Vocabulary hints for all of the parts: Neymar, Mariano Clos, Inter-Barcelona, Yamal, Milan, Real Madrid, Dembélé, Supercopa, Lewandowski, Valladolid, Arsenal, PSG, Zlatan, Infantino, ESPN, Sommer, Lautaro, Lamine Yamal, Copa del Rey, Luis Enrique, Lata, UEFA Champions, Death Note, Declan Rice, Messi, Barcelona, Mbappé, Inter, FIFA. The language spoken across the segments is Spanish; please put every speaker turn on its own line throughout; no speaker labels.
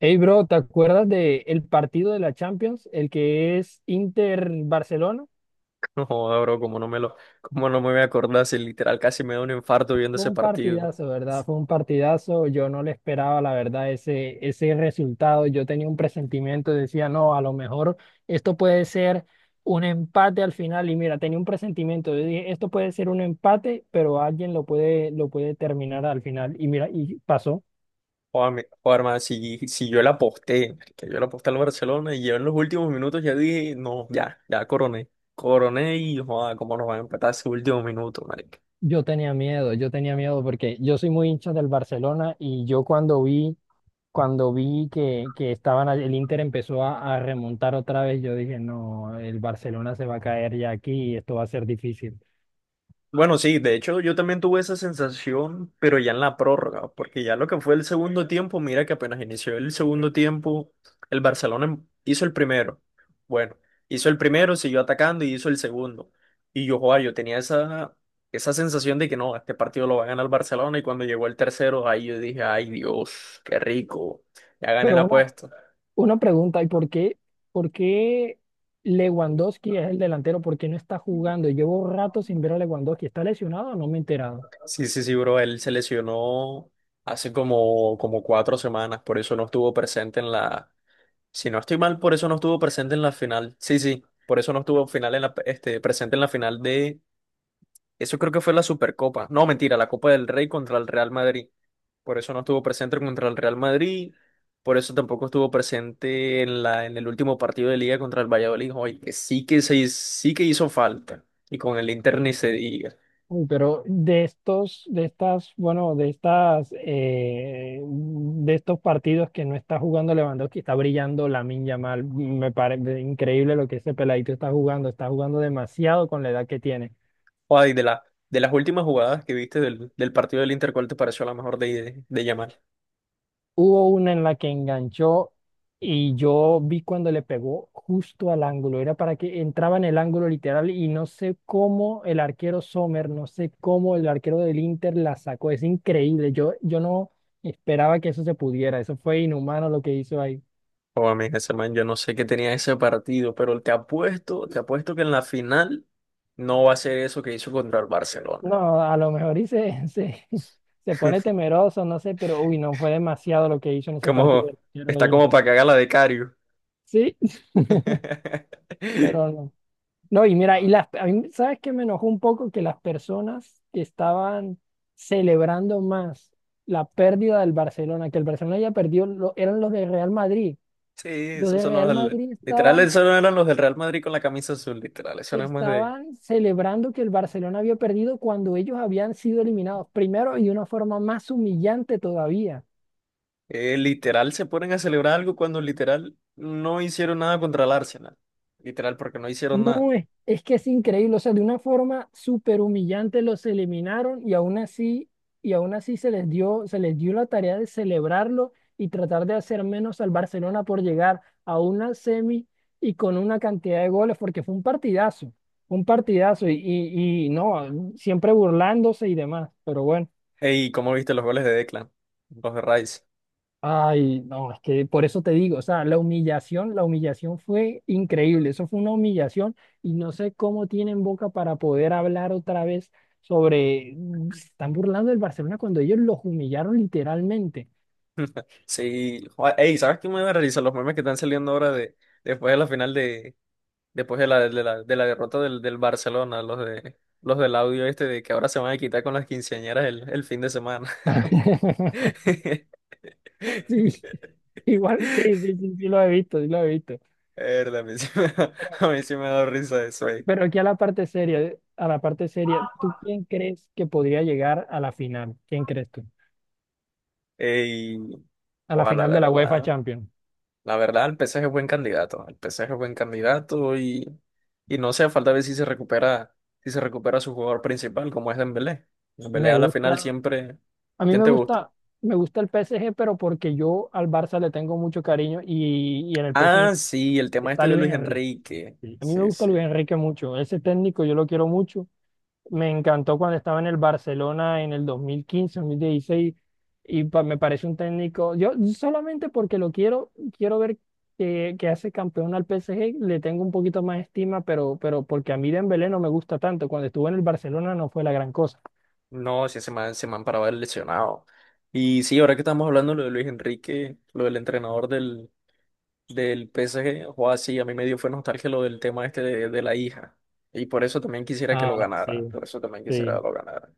Hey, bro, ¿te acuerdas de el partido de la Champions? El que es Inter-Barcelona.
No joda, bro, como no me voy a acordar si literal casi me da un infarto viendo
Fue
ese
un
partido.
partidazo, ¿verdad? Fue un partidazo. Yo no le esperaba, la verdad, ese resultado. Yo tenía un presentimiento, decía, no, a lo mejor esto puede ser un empate al final. Y mira, tenía un presentimiento. Yo dije, esto puede ser un empate, pero alguien lo puede terminar al final. Y mira, y pasó.
Joder, man, si yo la aposté, que yo la aposté al Barcelona y yo en los últimos minutos ya dije, no, ya coroné. Coroné y joder, cómo nos van a empatar ese último minuto.
Yo tenía miedo porque yo soy muy hincha del Barcelona y yo cuando vi que, estaban, el Inter empezó a remontar otra vez, yo dije, no, el Barcelona se va a caer ya aquí y esto va a ser difícil.
Bueno, sí, de hecho yo también tuve esa sensación, pero ya en la prórroga, porque ya lo que fue el segundo tiempo, mira que apenas inició el segundo tiempo, el Barcelona hizo el primero. Bueno, hizo el primero, siguió atacando y hizo el segundo. Y yo, joa, esa sensación de que no, este partido lo va a ganar el Barcelona y cuando llegó el tercero, ahí yo dije, ay Dios, qué rico, ya gané
Pero
la apuesta.
una pregunta, ¿y por qué Lewandowski es el delantero? ¿Por qué no está jugando? Llevo rato sin ver a Lewandowski. ¿Está lesionado o no me he enterado?
Sí, sí, sí, bro, él se lesionó hace como 4 semanas, por eso no estuvo presente en la... Si no estoy mal, por eso no estuvo presente en la final. Sí, sí, por eso no estuvo final en la, este, presente en la final de... Eso creo que fue la Supercopa. No, mentira, la Copa del Rey contra el Real Madrid. Por eso no estuvo presente contra el Real Madrid. Por eso tampoco estuvo presente en el último partido de Liga contra el Valladolid. Oye, que sí que hizo falta. Y con el Inter ni se diga.
Uy, pero de estos, de estas, bueno, de estas, de estos partidos que no está jugando Lewandowski, está brillando Lamine Yamal. Me parece increíble lo que ese peladito está jugando. Está jugando demasiado con la edad que tiene.
Oye, de la, de las últimas jugadas que viste del partido del Inter, ¿cuál te pareció la mejor de Yamal?
Hubo una en la que enganchó y yo vi cuando le pegó justo al ángulo. Era para que entraba en el ángulo literal y no sé cómo el arquero Sommer, no sé cómo el arquero del Inter la sacó. Es increíble. Yo no esperaba que eso se pudiera. Eso fue inhumano lo que hizo ahí.
O a mí ese man, yo no sé qué tenía ese partido, pero te apuesto que en la final no va a ser eso que hizo contra el Barcelona.
No, a lo mejor se pone temeroso, no sé, pero uy, no fue demasiado lo que hizo en ese partido
Como,
el arquero del
Está como
Inter.
para cagar la de Cario.
Sí, pero no. No, y mira, y
Ah.
las, a mí, ¿sabes qué me enojó un poco? Que las personas que estaban celebrando más la pérdida del Barcelona, que el Barcelona haya perdido, eran los de Real Madrid.
Sí,
Los
esos
de
son
Real Madrid
literal,
estaban,
esos no eran los del Real Madrid con la camisa azul, literal, eso no es más de...
estaban celebrando que el Barcelona había perdido cuando ellos habían sido eliminados primero y de una forma más humillante todavía.
Eh, literal se ponen a celebrar algo cuando literal no hicieron nada contra el Arsenal, literal porque no hicieron nada.
No, es que es increíble, o sea, de una forma súper humillante los eliminaron y aún así, se les dio la tarea de celebrarlo y tratar de hacer menos al Barcelona por llegar a una semi y con una cantidad de goles, porque fue un partidazo y no, siempre burlándose y demás, pero bueno.
Ey, ¿cómo viste los goles de Declan? Los de Rice.
Ay, no, es que por eso te digo, o sea, la humillación fue increíble, eso fue una humillación y no sé cómo tienen boca para poder hablar otra vez sobre, se están burlando del Barcelona cuando ellos los humillaron literalmente.
Sí, joder, ey, ¿sabes qué me voy a realizar? Los memes que están saliendo ahora de después de la final de después de la de la, de la derrota del Barcelona, los de los del audio este de que ahora se van a quitar con las quinceañeras el fin de semana.
Sí, igual, sí, lo he visto, sí lo he visto.
Verdad,
Pero,
a mí sí me ha dado risa eso, ey.
pero aquí a la parte seria, a la parte seria, ¿tú quién crees que podría llegar a la final? ¿Quién crees tú?
Ey,
A la
joder, la
final de la UEFA
verdad.
Champions.
La verdad, el PSG es buen candidato. El PSG es buen candidato y no sea falta ver si se recupera, si se recupera su jugador principal, como es Dembélé. Dembélé
Me
a la final
gusta.
siempre.
A mí
¿Quién te gusta?
me gusta el PSG, pero porque yo al Barça le tengo mucho cariño y en el
Ah,
PSG
sí, el tema este
está
de
Luis
Luis
Enrique.
Enrique.
Sí. A mí me
Sí,
gusta
sí.
Luis Enrique mucho. Ese técnico yo lo quiero mucho. Me encantó cuando estaba en el Barcelona en el 2015, 2016 y me parece un técnico. Yo solamente porque lo quiero, quiero ver que hace campeón al PSG, le tengo un poquito más estima, pero porque a mí Dembélé no me gusta tanto. Cuando estuvo en el Barcelona no fue la gran cosa.
No, sí, se me han parado lesionado. Y sí, ahora que estamos hablando lo de Luis Enrique, lo del entrenador del PSG, o sí, a mí me dio fue nostalgia lo del tema este de la hija. Y por eso también quisiera que lo
Ah,
ganara.
sí,
Por eso también quisiera que
sí.
lo ganara.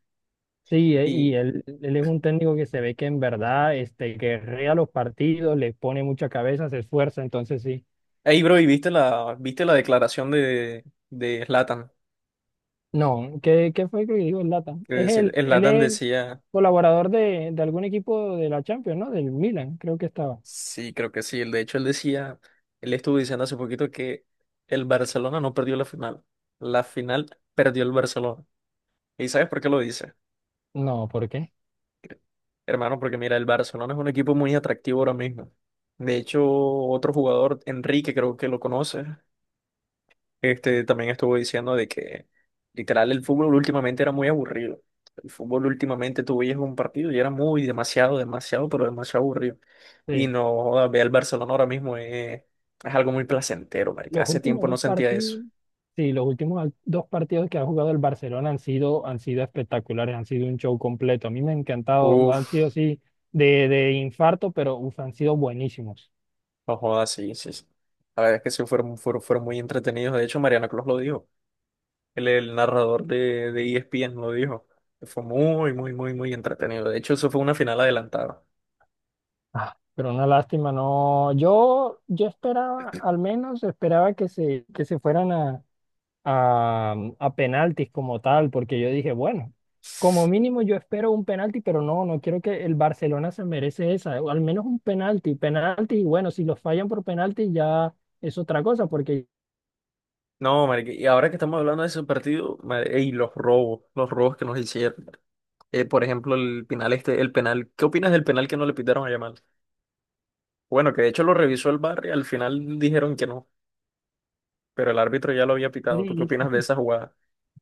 Sí, y él es un técnico que se ve que en verdad este, guerrea los partidos, le pone mucha cabeza, se esfuerza, entonces sí.
Ey, bro, ¿y viste viste la declaración de Zlatan?
No, ¿qué, qué fue que dijo el Lata?
Que
Es
dice-
él, él
Zlatan
es
decía,
colaborador de algún equipo de la Champions, ¿no? Del Milan, creo que estaba.
sí, creo que sí, él, de hecho él decía, él estuvo diciendo hace poquito que el Barcelona no perdió la final perdió el Barcelona. ¿Y sabes por qué lo dice?
No, ¿por qué?
Hermano, porque mira, el Barcelona es un equipo muy atractivo ahora mismo. De hecho, otro jugador, Enrique, creo que lo conoce. Este también estuvo diciendo de que literal el fútbol últimamente era muy aburrido. El fútbol últimamente tú veías un partido y era muy demasiado, demasiado, pero demasiado aburrido. Y
Sí.
no, joda, ve al Barcelona ahora mismo es algo muy placentero, marica.
Los
Hace
últimos
tiempo no
dos
sentía eso.
partidos, sí, los últimos dos partidos que ha jugado el Barcelona han sido espectaculares, han sido un show completo. A mí me ha encantado, han sido
Uf,
así de infarto, pero uf, han sido buenísimos.
no jodas, sí, sí. Sí. La verdad es que sí fueron, fueron, fueron muy entretenidos. De hecho, Mariano Clos lo dijo. El narrador de ESPN lo dijo. Fue muy, muy, muy, muy entretenido. De hecho, eso fue una final adelantada.
Ah, pero una lástima, no. Yo esperaba, al menos esperaba que se fueran a penaltis como tal, porque yo dije, bueno, como mínimo yo espero un penalti, pero no, no quiero que el Barcelona se merece esa, o al menos un penalti, penalti, y bueno, si los fallan por penalti ya es otra cosa, porque
No, marica, y ahora que estamos hablando de ese partido, madre, y los robos que nos hicieron. Por ejemplo, el penal este, el penal. ¿Qué opinas del penal que no le pitaron a Yamal? Bueno, que de hecho lo revisó el bar y al final dijeron que no, pero el árbitro ya lo había pitado. ¿Tú qué opinas de
dicen-
esa jugada?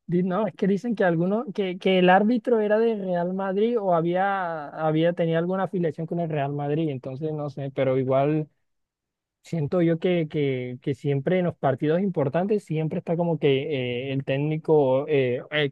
no, es que dicen que alguno, que el árbitro era de Real Madrid o había, había, tenía alguna afiliación con el Real Madrid, entonces no sé, pero igual. Siento yo que siempre en los partidos importantes siempre está como que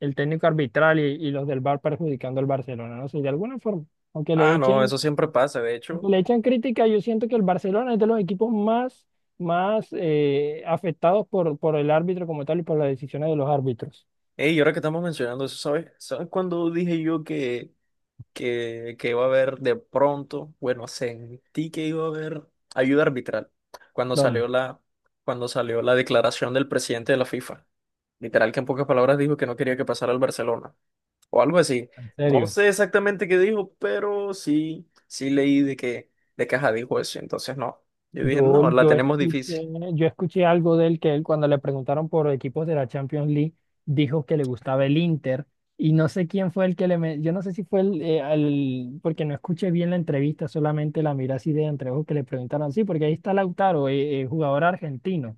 el técnico arbitral y los del VAR perjudicando al Barcelona, no sé, de alguna forma, aunque le
Ah, no,
echen,
eso siempre pasa, de
aunque
hecho.
le echen crítica, yo siento que el Barcelona es de los equipos más, más afectados por el árbitro como tal y por las decisiones de los árbitros.
Ey, y ahora que estamos mencionando eso, ¿sabes? ¿Sabes cuando dije yo que iba a haber de pronto? Bueno, sentí que iba a haber ayuda arbitral cuando
¿Dónde?
salió la, cuando salió la declaración del presidente de la FIFA. Literal que en pocas palabras dijo que no quería que pasara al Barcelona o algo así.
En
No
serio.
sé exactamente qué dijo, pero sí, sí leí de que de caja dijo eso. Entonces no, yo dije,
Yo,
no, la
yo
tenemos
escuché,
difícil.
yo escuché algo de él que él cuando le preguntaron por equipos de la Champions League dijo que le gustaba el Inter y no sé quién fue el que yo no sé si fue porque no escuché bien la entrevista, solamente la miré así de entreojos que le preguntaron, sí, porque ahí está Lautaro, jugador argentino.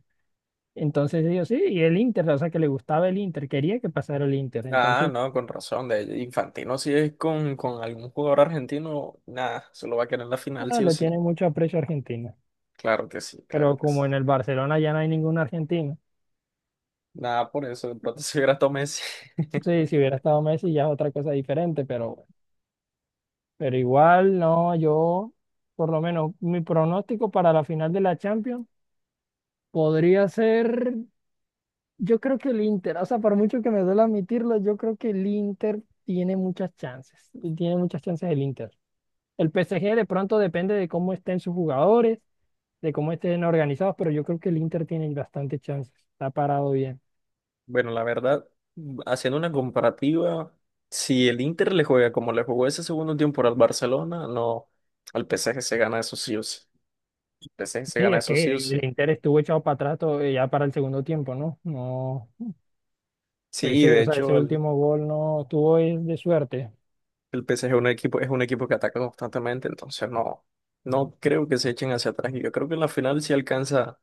Entonces dijo, sí, y el Inter, o sea que le gustaba el Inter, quería que pasara el Inter,
Ah,
entonces
no, con razón. De Infantino si es con algún jugador argentino, nada, se lo va a querer en la final
ah,
sí o
le
sí.
tiene mucho aprecio a Argentina,
Claro que sí, claro
pero
que sí.
como en el Barcelona ya no hay ningún argentino.
Nada, por eso de pronto se hubiera Messi.
Sí, si hubiera estado Messi ya es otra cosa diferente, pero igual, no, yo, por lo menos, mi pronóstico para la final de la Champions podría ser, yo creo que el Inter, o sea, por mucho que me duele admitirlo, yo creo que el Inter tiene muchas chances, y tiene muchas chances el Inter. El PSG de pronto depende de cómo estén sus jugadores, de cómo estén organizados, pero yo creo que el Inter tiene bastantes chances, está parado bien.
Bueno, la verdad, haciendo una comparativa, si el Inter le juega como le jugó ese segundo tiempo al Barcelona, no, al PSG se gana esos sí o sí. El PSG se
Sí,
gana
es
esos sí
que
o sí.
el Inter estuvo echado para atrás ya para el segundo tiempo, ¿no? No,
Sí,
ese,
de
o sea, ese
hecho,
último gol no tuvo es de suerte.
el PSG es un equipo que ataca constantemente, entonces no, no creo que se echen hacia atrás. Y yo creo que en la final sí alcanza,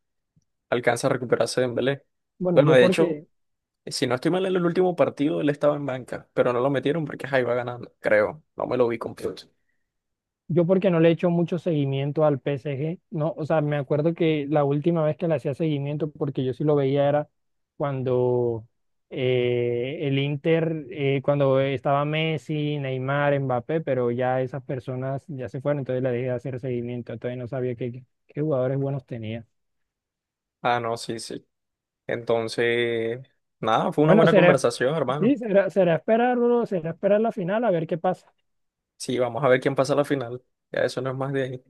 alcanza a recuperarse Dembélé.
Bueno,
Bueno, de hecho, si no estoy mal en el último partido, él estaba en banca, pero no lo metieron porque ahí va ganando, creo. No me lo vi completo.
yo porque no le he hecho mucho seguimiento al PSG, no, o sea, me acuerdo que la última vez que le hacía seguimiento, porque yo sí lo veía era cuando cuando estaba Messi, Neymar, Mbappé, pero ya esas personas ya se fueron, entonces le dejé de hacer seguimiento, entonces no sabía qué, qué jugadores buenos tenía.
Ah, no, sí, sí. Entonces, nada, fue una
Bueno,
buena
será,
conversación, hermano.
sí, será, será esperarlo, será esperar la final a ver qué pasa.
Sí, vamos a ver quién pasa a la final. Ya eso no es más de ahí.